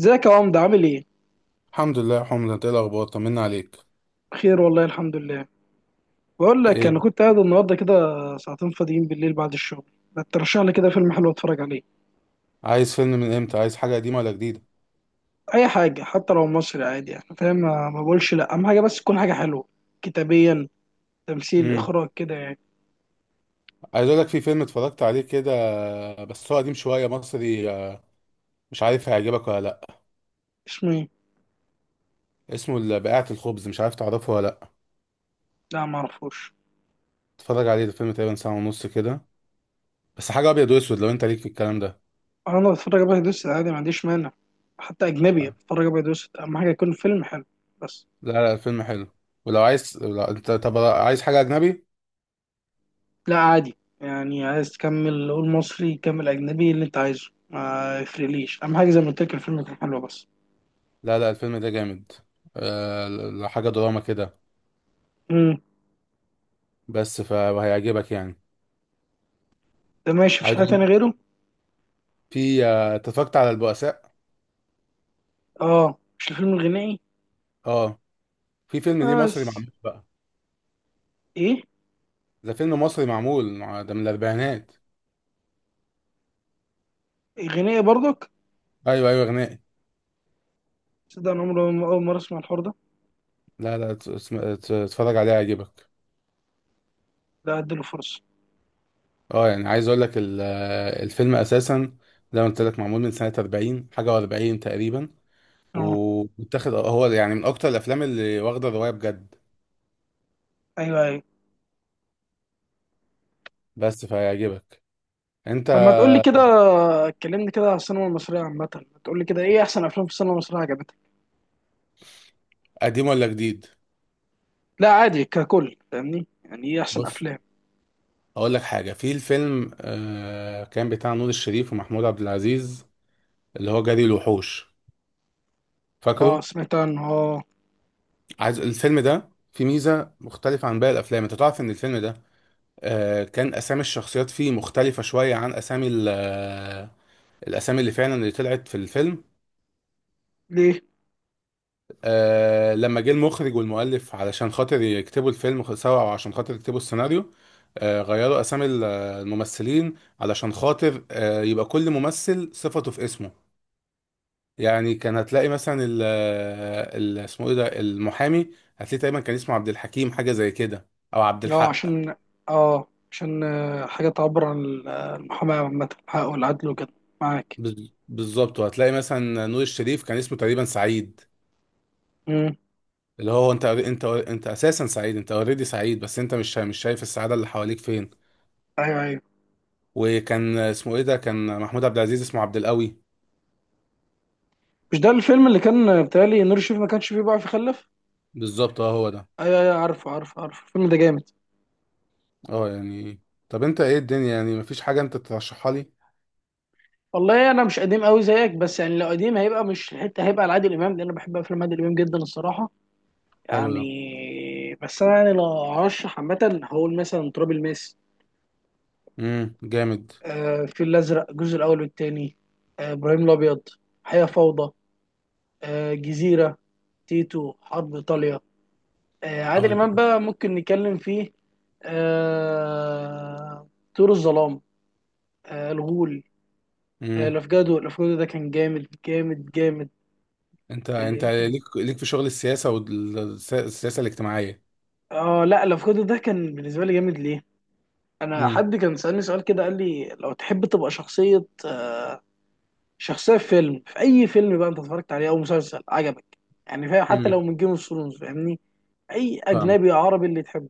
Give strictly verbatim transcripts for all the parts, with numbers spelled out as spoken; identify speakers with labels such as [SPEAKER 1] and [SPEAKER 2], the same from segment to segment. [SPEAKER 1] ازيك يا عمدة، عامل ايه؟
[SPEAKER 2] الحمد لله يا حمد، انت ايه الاخبار؟ طمنا عليك.
[SPEAKER 1] بخير والله، الحمد لله. بقول لك
[SPEAKER 2] ايه؟
[SPEAKER 1] انا كنت قاعد النهارده كده ساعتين فاضيين بالليل بعد الشغل، ما ترشح لي كده فيلم حلو اتفرج عليه.
[SPEAKER 2] عايز فيلم من امتى؟ عايز حاجه قديمه ولا جديده؟
[SPEAKER 1] اي حاجه، حتى لو مصري عادي يعني، فاهم؟ ما ما بقولش لا، اهم حاجه بس تكون حاجه حلوه، كتابيا، تمثيل،
[SPEAKER 2] امم
[SPEAKER 1] اخراج، كده يعني.
[SPEAKER 2] عايز اقول لك في فيلم اتفرجت عليه كده، بس هو قديم شويه، مصري. آه، مش عارف هيعجبك ولا لا.
[SPEAKER 1] اسمه ايه؟
[SPEAKER 2] اسمه ال- بقاعه الخبز، مش عارف تعرفه ولا لا.
[SPEAKER 1] لا، ما اعرفوش.
[SPEAKER 2] اتفرج عليه. ده فيلم تقريبا ساعه ونص كده، بس حاجه ابيض واسود، لو انت ليك في الكلام ده.
[SPEAKER 1] انا بتفرج ابيض واسود عادي، ما عنديش مانع. حتى اجنبي بتفرج ابيض واسود، اهم حاجه يكون فيلم حلو بس.
[SPEAKER 2] لا لا، الفيلم حلو. ولو عايز، لو انت طب عايز حاجه اجنبي.
[SPEAKER 1] لا عادي يعني، عايز تكمل قول مصري كمل، اجنبي اللي انت عايزه ما يفرقليش، اهم حاجه زي ما قلت لك الفيلم يكون حلو بس.
[SPEAKER 2] لا لا، الفيلم ده جامد. أه... ل- ل- حاجه دراما كده،
[SPEAKER 1] امم
[SPEAKER 2] بس فهيعجبك يعني.
[SPEAKER 1] ده ماشي، مفيش
[SPEAKER 2] عايز
[SPEAKER 1] حاجه
[SPEAKER 2] أقول-
[SPEAKER 1] تانية غيره؟
[SPEAKER 2] في، آه، اتفرجت على البؤساء.
[SPEAKER 1] اه، مش الفيلم الغنائي؟
[SPEAKER 2] اه. في فيلم ليه مصري
[SPEAKER 1] بس
[SPEAKER 2] معمول بقى.
[SPEAKER 1] ايه؟
[SPEAKER 2] ده فيلم مصري معمول. ده من الاربعينات.
[SPEAKER 1] غنائي برضك؟
[SPEAKER 2] ايوه ايوه، غنائي.
[SPEAKER 1] تصدق انا عمري ما- اول مره اسمع الحوار ده.
[SPEAKER 2] لا لا، ت- اسم- ت- اتفرج عليه هيعجبك.
[SPEAKER 1] ده اديله فرصه.
[SPEAKER 2] اه يعني، عايز اقول لك ال- الفيلم اساسا، زي ما قلت لك، معمول من سنه اربعين حاجه و40 تقريبا.
[SPEAKER 1] اه،
[SPEAKER 2] ومتاخد هو يعني من اكتر الافلام اللي واخده الروايه بجد،
[SPEAKER 1] ايوه ايوه.
[SPEAKER 2] بس فهيعجبك انت.
[SPEAKER 1] طب ما تقول لي كده، اتكلمني كده على السينما المصريه عامه، ما تقول لي كده ايه احسن افلام في السينما المصريه عجبتك؟
[SPEAKER 2] قديم ولا جديد؟
[SPEAKER 1] لا عادي ككل، فاهمني، يعني ايه احسن
[SPEAKER 2] بص،
[SPEAKER 1] افلام.
[SPEAKER 2] اقول لك حاجه. في الفيلم آه كان بتاع نور الشريف ومحمود عبد العزيز، اللي هو جري الوحوش،
[SPEAKER 1] اه،
[SPEAKER 2] فاكره؟
[SPEAKER 1] سمعت عنه، اه.
[SPEAKER 2] عايز الفيلم ده في ميزة مختلفة عن باقي الأفلام. أنت تعرف إن الفيلم ده، آه، كان أسامي الشخصيات فيه مختلفة شوية عن أسامي ال- آه، الأسامي اللي فعلا اللي طلعت في الفيلم.
[SPEAKER 1] ليه؟
[SPEAKER 2] آه، لما جه المخرج والمؤلف علشان خاطر يكتبوا الفيلم، خ- سوا، أو عشان خاطر يكتبوا السيناريو، آه، غيروا أسامي ال- آه، الممثلين، علشان خاطر آه، يبقى كل ممثل صفته في اسمه. يعني كان هتلاقي مثلا ال آه، ال- اسمه إيه ده، المحامي، هتلاقي تقريبا كان اسمه عبد الحكيم، حاجة زي كده، أو عبد
[SPEAKER 1] اه
[SPEAKER 2] الحق.
[SPEAKER 1] عشان اه عشان آه، حاجه تعبر عن ال- آه، المحاماه عامه، حقه والعدل وكده. معاك.
[SPEAKER 2] بز- بالظبط. وهتلاقي مثلا نور الشريف كان اسمه تقريبا سعيد،
[SPEAKER 1] امم،
[SPEAKER 2] اللي هو انت انت انت اساسا سعيد، انت اوريدي سعيد، بس انت مش مش شايف السعاده اللي حواليك فين.
[SPEAKER 1] ايوه ايوه.
[SPEAKER 2] وكان اسمه ايه ده، كان محمود عبد العزيز اسمه عبد القوي.
[SPEAKER 1] مش ده الفيلم اللي كان بتهيألي نور الشريف ما كانش فيه بقى في خلف؟
[SPEAKER 2] بالظبط، اه، هو ده.
[SPEAKER 1] ايوه ايوه، عارفه عارفه عارفه، الفيلم ده جامد.
[SPEAKER 2] اه يعني. طب انت ايه الدنيا؟ يعني مفيش حاجه انت ترشحها لي؟
[SPEAKER 1] والله انا مش قديم قوي زيك، بس يعني لو قديم هيبقى مش الحته، هيبقى لعادل امام، لان انا بحب افلام عادل امام جدا الصراحه.
[SPEAKER 2] حلو ده.
[SPEAKER 1] يعني بس انا يعني لو هرشح عامه هقول مثلا تراب الماس،
[SPEAKER 2] امم جامد.
[SPEAKER 1] آه الفيل الازرق الجزء الاول والثاني، آه ابراهيم الابيض، حياه فوضى، آه جزيره، تيتو، حرب ايطاليا، آه
[SPEAKER 2] اه،
[SPEAKER 1] عادل
[SPEAKER 2] انت.
[SPEAKER 1] امام بقى ممكن نتكلم فيه، آه طيور الظلام، آه الغول، آه
[SPEAKER 2] امم
[SPEAKER 1] لافجادو لافجادو ده كان جامد جامد جامد.
[SPEAKER 2] انت
[SPEAKER 1] اه،
[SPEAKER 2] انت
[SPEAKER 1] إيه تاني؟
[SPEAKER 2] ليك ليك في شغل السياسه والسياسه الاجتماعيه.
[SPEAKER 1] آه، لا، لافجادو ده كان بالنسبه لي جامد. ليه؟ انا
[SPEAKER 2] امم
[SPEAKER 1] حد كان سألني سؤال كده، قال لي لو تحب تبقى شخصيه، آه شخصيه في فيلم في اي فيلم بقى انت اتفرجت عليه او مسلسل عجبك، يعني فاهم، حتى لو
[SPEAKER 2] امم
[SPEAKER 1] من جيم اوف ثرونز، فاهمني؟ اي
[SPEAKER 2] فاهمك.
[SPEAKER 1] اجنبي، عربي، اللي تحبه.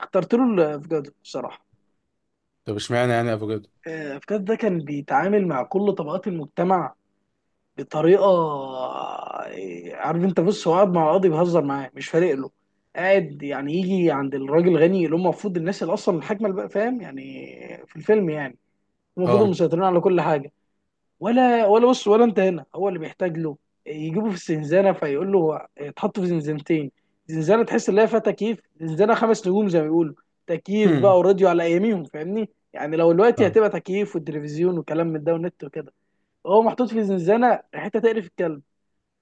[SPEAKER 1] اخترت له لافجادو بصراحه.
[SPEAKER 2] طب اشمعنى يعني افوكادو؟
[SPEAKER 1] آه، لافجادو ده كان بيتعامل مع كل طبقات المجتمع بطريقه، عارف انت، بص، هو قاعد مع القاضي بيهزر معاه، مش فارق له. قاعد يعني يجي عند الراجل غني اللي هم المفروض الناس اللي اصلا الحاكمه اللي بقى، فاهم يعني في الفيلم يعني، هم المفروض
[SPEAKER 2] اه.
[SPEAKER 1] المسيطرين على كل حاجه. ولا ولا، بص، ولا انت هنا هو اللي بيحتاج له. يجيبه في الزنزانه، فيقول له هو- يتحط في زنزانتين، زنزانه تحس ان هي فيها تكييف، زنزانه خمس نجوم زي ما بيقولوا، تكييف بقى وراديو على اياميهم، فاهمني يعني لو دلوقتي
[SPEAKER 2] فاهم.
[SPEAKER 1] هتبقى تكييف والتلفزيون وكلام من ده والنت وكده. هو محطوط في زنزانه حته تقرف الكلب،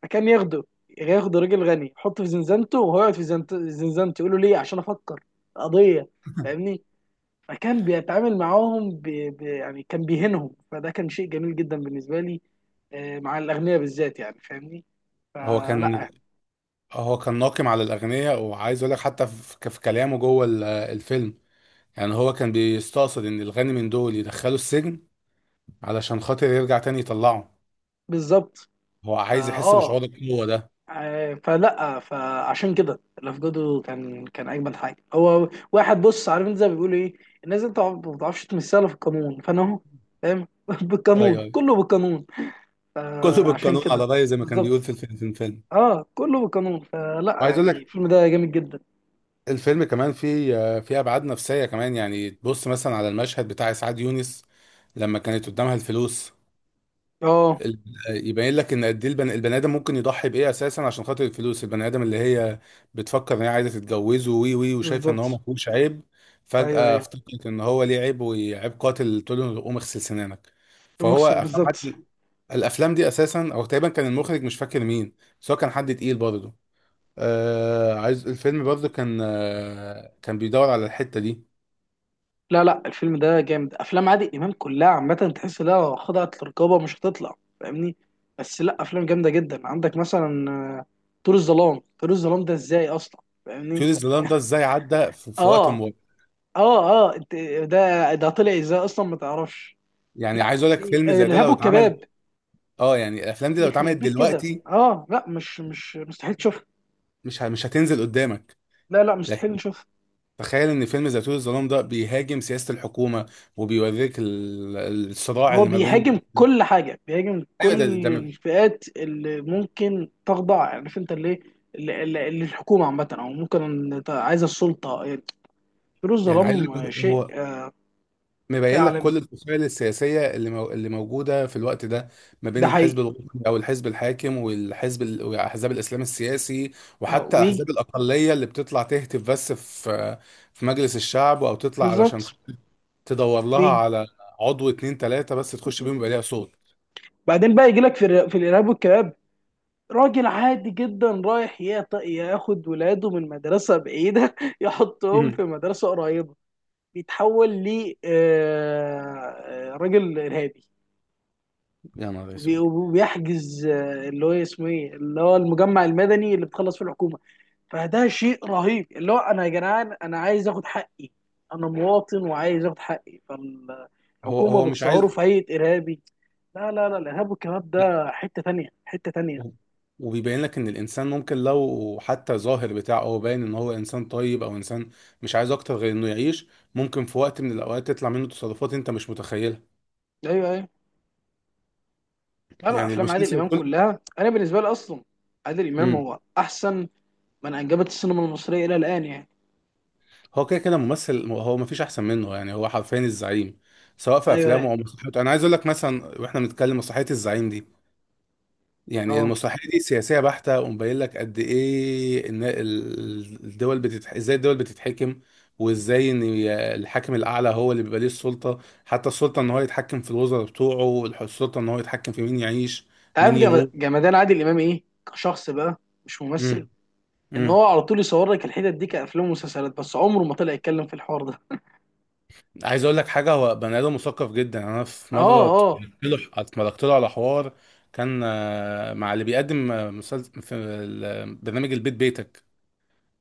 [SPEAKER 1] كان ياخده، ياخده راجل غني يحطه في زنزانته وهو يقعد في زنت- زنزانته، يقول له ليه؟ عشان افكر قضيه، فاهمني؟ فكان بيتعامل معاهم ب... ب... يعني كان بيهينهم، فده كان شيء جميل جدا بالنسبه لي، آه، مع الاغنياء بالذات يعني، فاهمني؟
[SPEAKER 2] هو كان
[SPEAKER 1] فلا.
[SPEAKER 2] هو كان ناقم على الأغنياء. وعايز أقول لك حتى في في كلامه جوه ال- الفيلم، يعني هو كان بيستقصد إن الغني من دول يدخلوا السجن علشان خاطر يرجع تاني يطلعه.
[SPEAKER 1] بالظبط.
[SPEAKER 2] هو
[SPEAKER 1] فا
[SPEAKER 2] عايز يحس
[SPEAKER 1] اه
[SPEAKER 2] بشعور القوة ده.
[SPEAKER 1] آه، فلا، فعشان كده الافجادو كان كان اجمل حاجه. هو واحد، بص، عارف انت زي ما بيقولوا ايه، الناس انت ما بتعرفش تمثلها في القانون، فانا اهو، فاهم
[SPEAKER 2] أيوه
[SPEAKER 1] بالقانون،
[SPEAKER 2] أيوه،
[SPEAKER 1] كله بالقانون.
[SPEAKER 2] كله
[SPEAKER 1] آه، عشان
[SPEAKER 2] بالقانون
[SPEAKER 1] كده.
[SPEAKER 2] على رأيه، زي ما كان بيقول
[SPEAKER 1] بالظبط.
[SPEAKER 2] في الفيلم في الفيلم
[SPEAKER 1] اه، كله بالقانون، فلا
[SPEAKER 2] وعايز أقول
[SPEAKER 1] يعني
[SPEAKER 2] لك،
[SPEAKER 1] الفيلم ده جامد جدا.
[SPEAKER 2] الفيلم كمان فيه فيه أبعاد نفسية كمان، يعني تبص مثلا على المشهد بتاع إسعاد يونس لما كانت قدامها الفلوس.
[SPEAKER 1] اه،
[SPEAKER 2] ال- يبين لك ان قد ايه البن- البني ادم ممكن يضحي بايه اساسا عشان خاطر الفلوس. البني ادم اللي هي بتفكر ان هي عايزه تتجوزه، وي وي وشايفه ان هو ما
[SPEAKER 1] بالظبط.
[SPEAKER 2] فيهوش عيب،
[SPEAKER 1] ايوه
[SPEAKER 2] فجاه
[SPEAKER 1] ايوه،
[SPEAKER 2] افتكرت ان هو ليه عيب، وعيب قاتل، تقول له قوم اغسل سنانك. فهو
[SPEAKER 1] مصر.
[SPEAKER 2] افلام
[SPEAKER 1] بالظبط.
[SPEAKER 2] عادل. الافلام دي اساسا، او تقريبا، كان المخرج مش فاكر مين، بس هو كان حد تقيل برضه. آه عايز الفيلم برضه كان، آه كان بيدور على الحته دي.
[SPEAKER 1] لا لا، الفيلم ده جامد، افلام عادل امام كلها عامه تحس لا خضعت للرقابه مش هتطلع، فاهمني؟ بس لا، افلام جامده جدا، عندك مثلا، آه، طيور الظلام. طيور الظلام ده ازاي اصلا، فاهمني؟
[SPEAKER 2] كيوريوس زلاند ده ازاي عدى في, في وقت
[SPEAKER 1] اه
[SPEAKER 2] مبارك؟
[SPEAKER 1] اه، اه انت. ده ده طلع ازاي اصلا، ما تعرفش.
[SPEAKER 2] يعني
[SPEAKER 1] لا،
[SPEAKER 2] عايز اقول لك
[SPEAKER 1] في آه،
[SPEAKER 2] فيلم زي ده
[SPEAKER 1] الارهاب
[SPEAKER 2] لو اتعمل.
[SPEAKER 1] والكباب.
[SPEAKER 2] اه يعني، الافلام دي لو اتعملت
[SPEAKER 1] يخرب بيك كده،
[SPEAKER 2] دلوقتي
[SPEAKER 1] اه، لا، مش مش مستحيل تشوفها.
[SPEAKER 2] مش ه- مش هتنزل قدامك.
[SPEAKER 1] لا لا، مستحيل
[SPEAKER 2] لكن
[SPEAKER 1] نشوف.
[SPEAKER 2] تخيل ان فيلم زيتون الظلام ده بيهاجم سياسة الحكومة وبيوريك ال- الصراع
[SPEAKER 1] هو
[SPEAKER 2] اللي ما بين
[SPEAKER 1] بيهاجم كل حاجة، بيهاجم
[SPEAKER 2] ايوه، ده ده
[SPEAKER 1] كل
[SPEAKER 2] م-
[SPEAKER 1] الفئات اللي ممكن تخضع، عارف انت اللي اللي- اللي- اللي الحكومة عامة او ممكن ت- عايزة السلطة. فيروز
[SPEAKER 2] يعني عايز
[SPEAKER 1] الظلام
[SPEAKER 2] أقول لك،
[SPEAKER 1] شيء،
[SPEAKER 2] هو
[SPEAKER 1] آه، شيء
[SPEAKER 2] مبين لك
[SPEAKER 1] عالمي.
[SPEAKER 2] كل الفصائل السياسية اللي مو... اللي موجودة في الوقت ده. ما
[SPEAKER 1] ده
[SPEAKER 2] بين الحزب
[SPEAKER 1] حقيقي.
[SPEAKER 2] الوطني او الحزب الحاكم، والحزب ال... واحزاب الاسلام السياسي،
[SPEAKER 1] اه،
[SPEAKER 2] وحتى
[SPEAKER 1] ويجي.
[SPEAKER 2] احزاب الاقلية اللي بتطلع تهتف بس في في مجلس الشعب، او تطلع
[SPEAKER 1] بالظبط.
[SPEAKER 2] علشان تدور لها
[SPEAKER 1] ويجي.
[SPEAKER 2] على عضو، اتنين، تلاتة، بس تخش بيهم يبقى ليها صوت.
[SPEAKER 1] بعدين بقى يجي لك في الر- في الارهاب والكباب، راجل عادي جدا رايح يط- ياخد ولاده من مدرسة بعيدة يحطهم في مدرسة قريبة، بيتحول ل آه، آه، راجل إرهابي،
[SPEAKER 2] يا نهار
[SPEAKER 1] وبي-
[SPEAKER 2] اسود.
[SPEAKER 1] وبيحجز آه، اللي هو اسمه ايه اللي هو المجمع المدني اللي بتخلص فيه الحكومه. فده شيء رهيب، اللي هو انا يا جدعان انا عايز اخد حقي، انا مواطن وعايز اخد حقي،
[SPEAKER 2] هو
[SPEAKER 1] فالحكومه
[SPEAKER 2] هو مش
[SPEAKER 1] بتصوره
[SPEAKER 2] عايز.
[SPEAKER 1] في هيئه ارهابي. لا لا لا، الارهاب والكباب
[SPEAKER 2] لا،
[SPEAKER 1] ده حته تانية، حته تانية.
[SPEAKER 2] و- وبيبين لك ان الانسان ممكن، لو حتى ظاهر بتاعه هو باين ان هو انسان طيب، او انسان مش عايز اكتر غير انه يعيش، ممكن في وقت من الاوقات تطلع منه تصرفات انت مش متخيلها.
[SPEAKER 1] ايوه ايوه. لا لا،
[SPEAKER 2] يعني
[SPEAKER 1] افلام عادل
[SPEAKER 2] المسلسل
[SPEAKER 1] امام
[SPEAKER 2] كله.
[SPEAKER 1] كلها انا بالنسبه لي اصلا، عادل امام
[SPEAKER 2] امم
[SPEAKER 1] هو احسن من انجبت السينما المصريه الى الان يعني.
[SPEAKER 2] هو كده كده ممثل، هو ما فيش احسن منه، يعني هو حرفيا الزعيم. سواء في
[SPEAKER 1] ايوه ايوه.
[SPEAKER 2] افلامه او مسرحياته، انا عايز اقول لك مثلا، واحنا بنتكلم مسرحيه الزعيم دي، يعني
[SPEAKER 1] اه،
[SPEAKER 2] المسرحيه دي سياسيه بحته، ومبين لك قد ايه ان ال- الدول بتتح... ازاي الدول بتتحكم، وازاي ان ي- الحاكم الاعلى هو اللي بيبقى ليه السلطه، حتى السلطه ان هو يتحكم في الوزراء بتوعه، الح- السلطه ان هو يتحكم في مين يعيش،
[SPEAKER 1] انت عارف
[SPEAKER 2] مين
[SPEAKER 1] جم-
[SPEAKER 2] يموت.
[SPEAKER 1] جمدان عادل امام ايه كشخص بقى، مش ممثل؟
[SPEAKER 2] امم
[SPEAKER 1] ان
[SPEAKER 2] امم
[SPEAKER 1] هو على طول يصور لك الحتت دي كافلام ومسلسلات، بس عمره ما طلع يتكلم في الحوار ده.
[SPEAKER 2] عايز اقول لك حاجه، هو بني ادم مثقف جدا. انا في
[SPEAKER 1] اه
[SPEAKER 2] مره اتفرجت
[SPEAKER 1] اه.
[SPEAKER 2] له اتفرجت له على حوار، كان آه، مع اللي بيقدم آه، مسلسل في ال- برنامج البيت بيتك،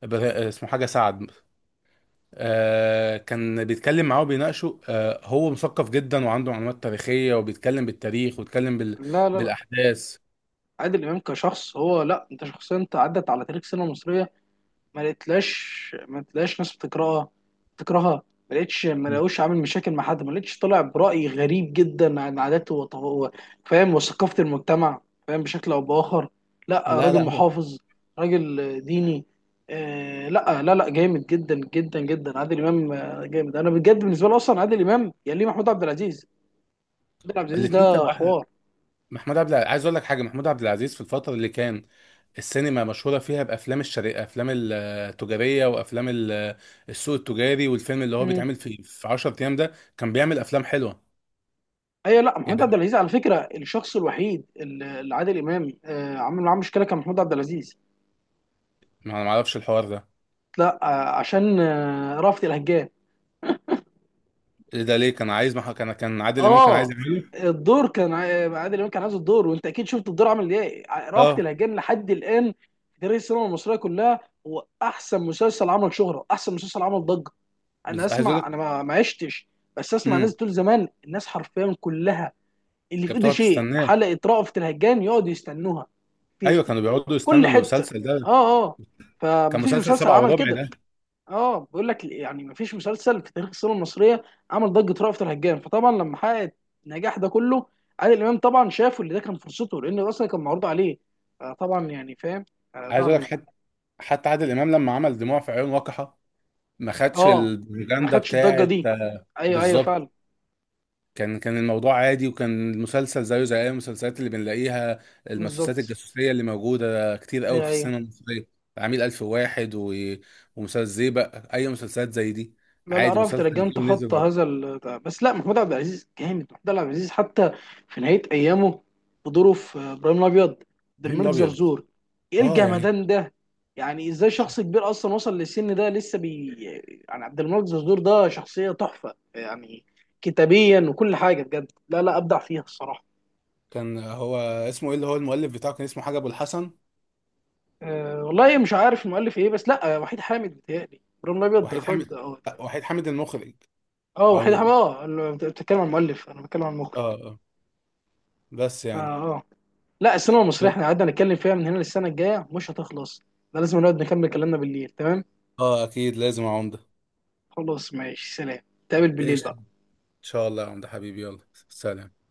[SPEAKER 2] بر- اسمه حاجه سعد. آه، كان بيتكلم معاه وبيناقشه. آه، هو مثقف جدا وعنده معلومات تاريخية، وبيتكلم بالتاريخ، وبيتكلم بال...
[SPEAKER 1] لا لا لا،
[SPEAKER 2] بالأحداث.
[SPEAKER 1] عادل امام كشخص هو، لا، انت شخصيه، انت عدت على تاريخ السينما المصريه، ما لقيتلاش ما لقيتلاش ناس بتكرهها، بتكرهها، ما لقيتش، ما
[SPEAKER 2] مم.
[SPEAKER 1] لقوش عامل مشاكل مع حد، ما لقيتش طلع برأي غريب جدا عن عاداته وط- و- فاهم، وثقافة المجتمع، فاهم، بشكل او بآخر. لا،
[SPEAKER 2] لا لا.
[SPEAKER 1] راجل
[SPEAKER 2] هو
[SPEAKER 1] محافظ، راجل ديني. آه لا لا لا، جامد جدا جدا جدا، عادل امام آه، جامد، انا بجد بالنسبه لي اصلا عادل امام يليه محمود عبد العزيز. محمود عبد العزيز
[SPEAKER 2] الاتنين
[SPEAKER 1] ده
[SPEAKER 2] كانوا أحلى.
[SPEAKER 1] حوار.
[SPEAKER 2] محمود عبد العزيز، عايز أقول لك حاجة، محمود عبد العزيز في الفترة اللي كان السينما مشهورة فيها بأفلام الشرق، أفلام التجارية وأفلام ال- السوق التجاري، والفيلم اللي هو
[SPEAKER 1] مم.
[SPEAKER 2] بيتعمل في في عشرة أيام، ده كان بيعمل أفلام حلوة.
[SPEAKER 1] ايوه، لا، محمود عبد
[SPEAKER 2] يعني
[SPEAKER 1] العزيز على فكره الشخص الوحيد اللي اللي عادل امام آه عمل معاه مشكله، كان محمود عبد العزيز.
[SPEAKER 2] ما ما أعرفش الحوار ده.
[SPEAKER 1] لا، آه، عشان آه، رأفت الهجان.
[SPEAKER 2] إيه ده؟ ليه كان عايز؟ ما كان كان عادل إمام كان عايز
[SPEAKER 1] اه،
[SPEAKER 2] يعمله.
[SPEAKER 1] الدور كان عا- عادل امام كان عايز الدور، وانت اكيد شفت الدور عامل ايه ع- رأفت
[SPEAKER 2] اه.
[SPEAKER 1] الهجان لحد الان في تاريخ السينما المصريه كلها، هو احسن مسلسل عمل شهره، احسن مسلسل عمل ضجه. انا
[SPEAKER 2] بس عايز
[SPEAKER 1] اسمع، انا
[SPEAKER 2] أقول
[SPEAKER 1] ما ما عشتش، بس اسمع
[SPEAKER 2] لك،
[SPEAKER 1] ناس بتقول زمان الناس حرفيا كلها اللي في
[SPEAKER 2] كانت
[SPEAKER 1] ايده
[SPEAKER 2] بتقعد
[SPEAKER 1] شيء
[SPEAKER 2] تستناه.
[SPEAKER 1] حلقه رأفت الهجان يقعدوا يستنوها، في,
[SPEAKER 2] ايوه،
[SPEAKER 1] في
[SPEAKER 2] كانوا بيقعدوا
[SPEAKER 1] في كل
[SPEAKER 2] يستنوا
[SPEAKER 1] حته.
[SPEAKER 2] المسلسل ده.
[SPEAKER 1] اه اه.
[SPEAKER 2] كان
[SPEAKER 1] فمفيش
[SPEAKER 2] مسلسل
[SPEAKER 1] مسلسل
[SPEAKER 2] سبعة
[SPEAKER 1] عمل
[SPEAKER 2] وربع
[SPEAKER 1] كده.
[SPEAKER 2] ده.
[SPEAKER 1] اه، بقول لك يعني، ما فيش مسلسل في تاريخ السينما المصريه عمل ضجه رأفت الهجان. فطبعا لما حقق النجاح ده كله، عادل امام طبعا شافه، اللي ده كان فرصته، لان اصلا كان معروض عليه، آه، طبعا يعني فاهم، آه،
[SPEAKER 2] عايز
[SPEAKER 1] ضاع
[SPEAKER 2] اقول لك،
[SPEAKER 1] منه.
[SPEAKER 2] حتى حتى عادل امام لما عمل دموع في عيون وقحة، ما خدش
[SPEAKER 1] اه، ما
[SPEAKER 2] البروباجندا
[SPEAKER 1] خدش الضجه
[SPEAKER 2] بتاعت.
[SPEAKER 1] دي.
[SPEAKER 2] آه،
[SPEAKER 1] ايوه ايوه،
[SPEAKER 2] بالظبط.
[SPEAKER 1] فعلا.
[SPEAKER 2] كان كان الموضوع عادي، وكان المسلسل زيه زي اي المسلسلات اللي بنلاقيها، المسلسلات
[SPEAKER 1] بالظبط.
[SPEAKER 2] الجاسوسيه اللي موجوده كتير قوي
[SPEAKER 1] ايوه
[SPEAKER 2] في
[SPEAKER 1] ايوه.
[SPEAKER 2] السينما المصريه. عميل الف واحد و... ومسلسل زيبق، اي مسلسلات زي دي.
[SPEAKER 1] لا لا،
[SPEAKER 2] عادي،
[SPEAKER 1] رأفت
[SPEAKER 2] مسلسل
[SPEAKER 1] الهجان
[SPEAKER 2] جه ونزل
[SPEAKER 1] تخطى
[SPEAKER 2] بعد.
[SPEAKER 1] هذا ال... بس لا، محمود عبد العزيز جامد، محمود عبد العزيز حتى في نهاية أيامه بدوره في إبراهيم الأبيض، عبد
[SPEAKER 2] فيلم
[SPEAKER 1] الملك
[SPEAKER 2] الابيض.
[SPEAKER 1] زرزور، إيه
[SPEAKER 2] اه يعني.
[SPEAKER 1] الجمدان ده؟ يعني إزاي شخص كبير أصلا وصل للسن ده لسه بي؟ يعني عبد الملك زرزور ده شخصية تحفة يعني، كتابيا وكل حاجة، بجد لا لا، أبدع فيها الصراحة.
[SPEAKER 2] كان هو اسمه ايه، اللي هو المؤلف بتاعه، كان اسمه حاجه ابو الحسن.
[SPEAKER 1] أه والله مش عارف المؤلف إيه، بس لا، وحيد حامد بيتهيألي إبراهيم الأبيض ده
[SPEAKER 2] وحيد
[SPEAKER 1] إخراج،
[SPEAKER 2] حامد.
[SPEAKER 1] أه،
[SPEAKER 2] وحيد حامد المخرج.
[SPEAKER 1] أه،
[SPEAKER 2] او
[SPEAKER 1] وحيد
[SPEAKER 2] اه.
[SPEAKER 1] حامد. أه، بتتكلم عن المؤلف، أنا بتكلم عن المخرج.
[SPEAKER 2] آه. بس
[SPEAKER 1] آه،
[SPEAKER 2] يعني.
[SPEAKER 1] آه. لا، السينما المصريه احنا قعدنا نتكلم فيها من هنا للسنه الجايه مش هتخلص، ده لازم نقعد نكمل كلامنا بالليل، تمام؟
[SPEAKER 2] اه اكيد لازم يا عمده.
[SPEAKER 1] خلاص، ماشي، سلام. تقابل بالليل
[SPEAKER 2] ايش ان
[SPEAKER 1] بقى.
[SPEAKER 2] شاء الله يا عمده حبيبي، يلا سلام.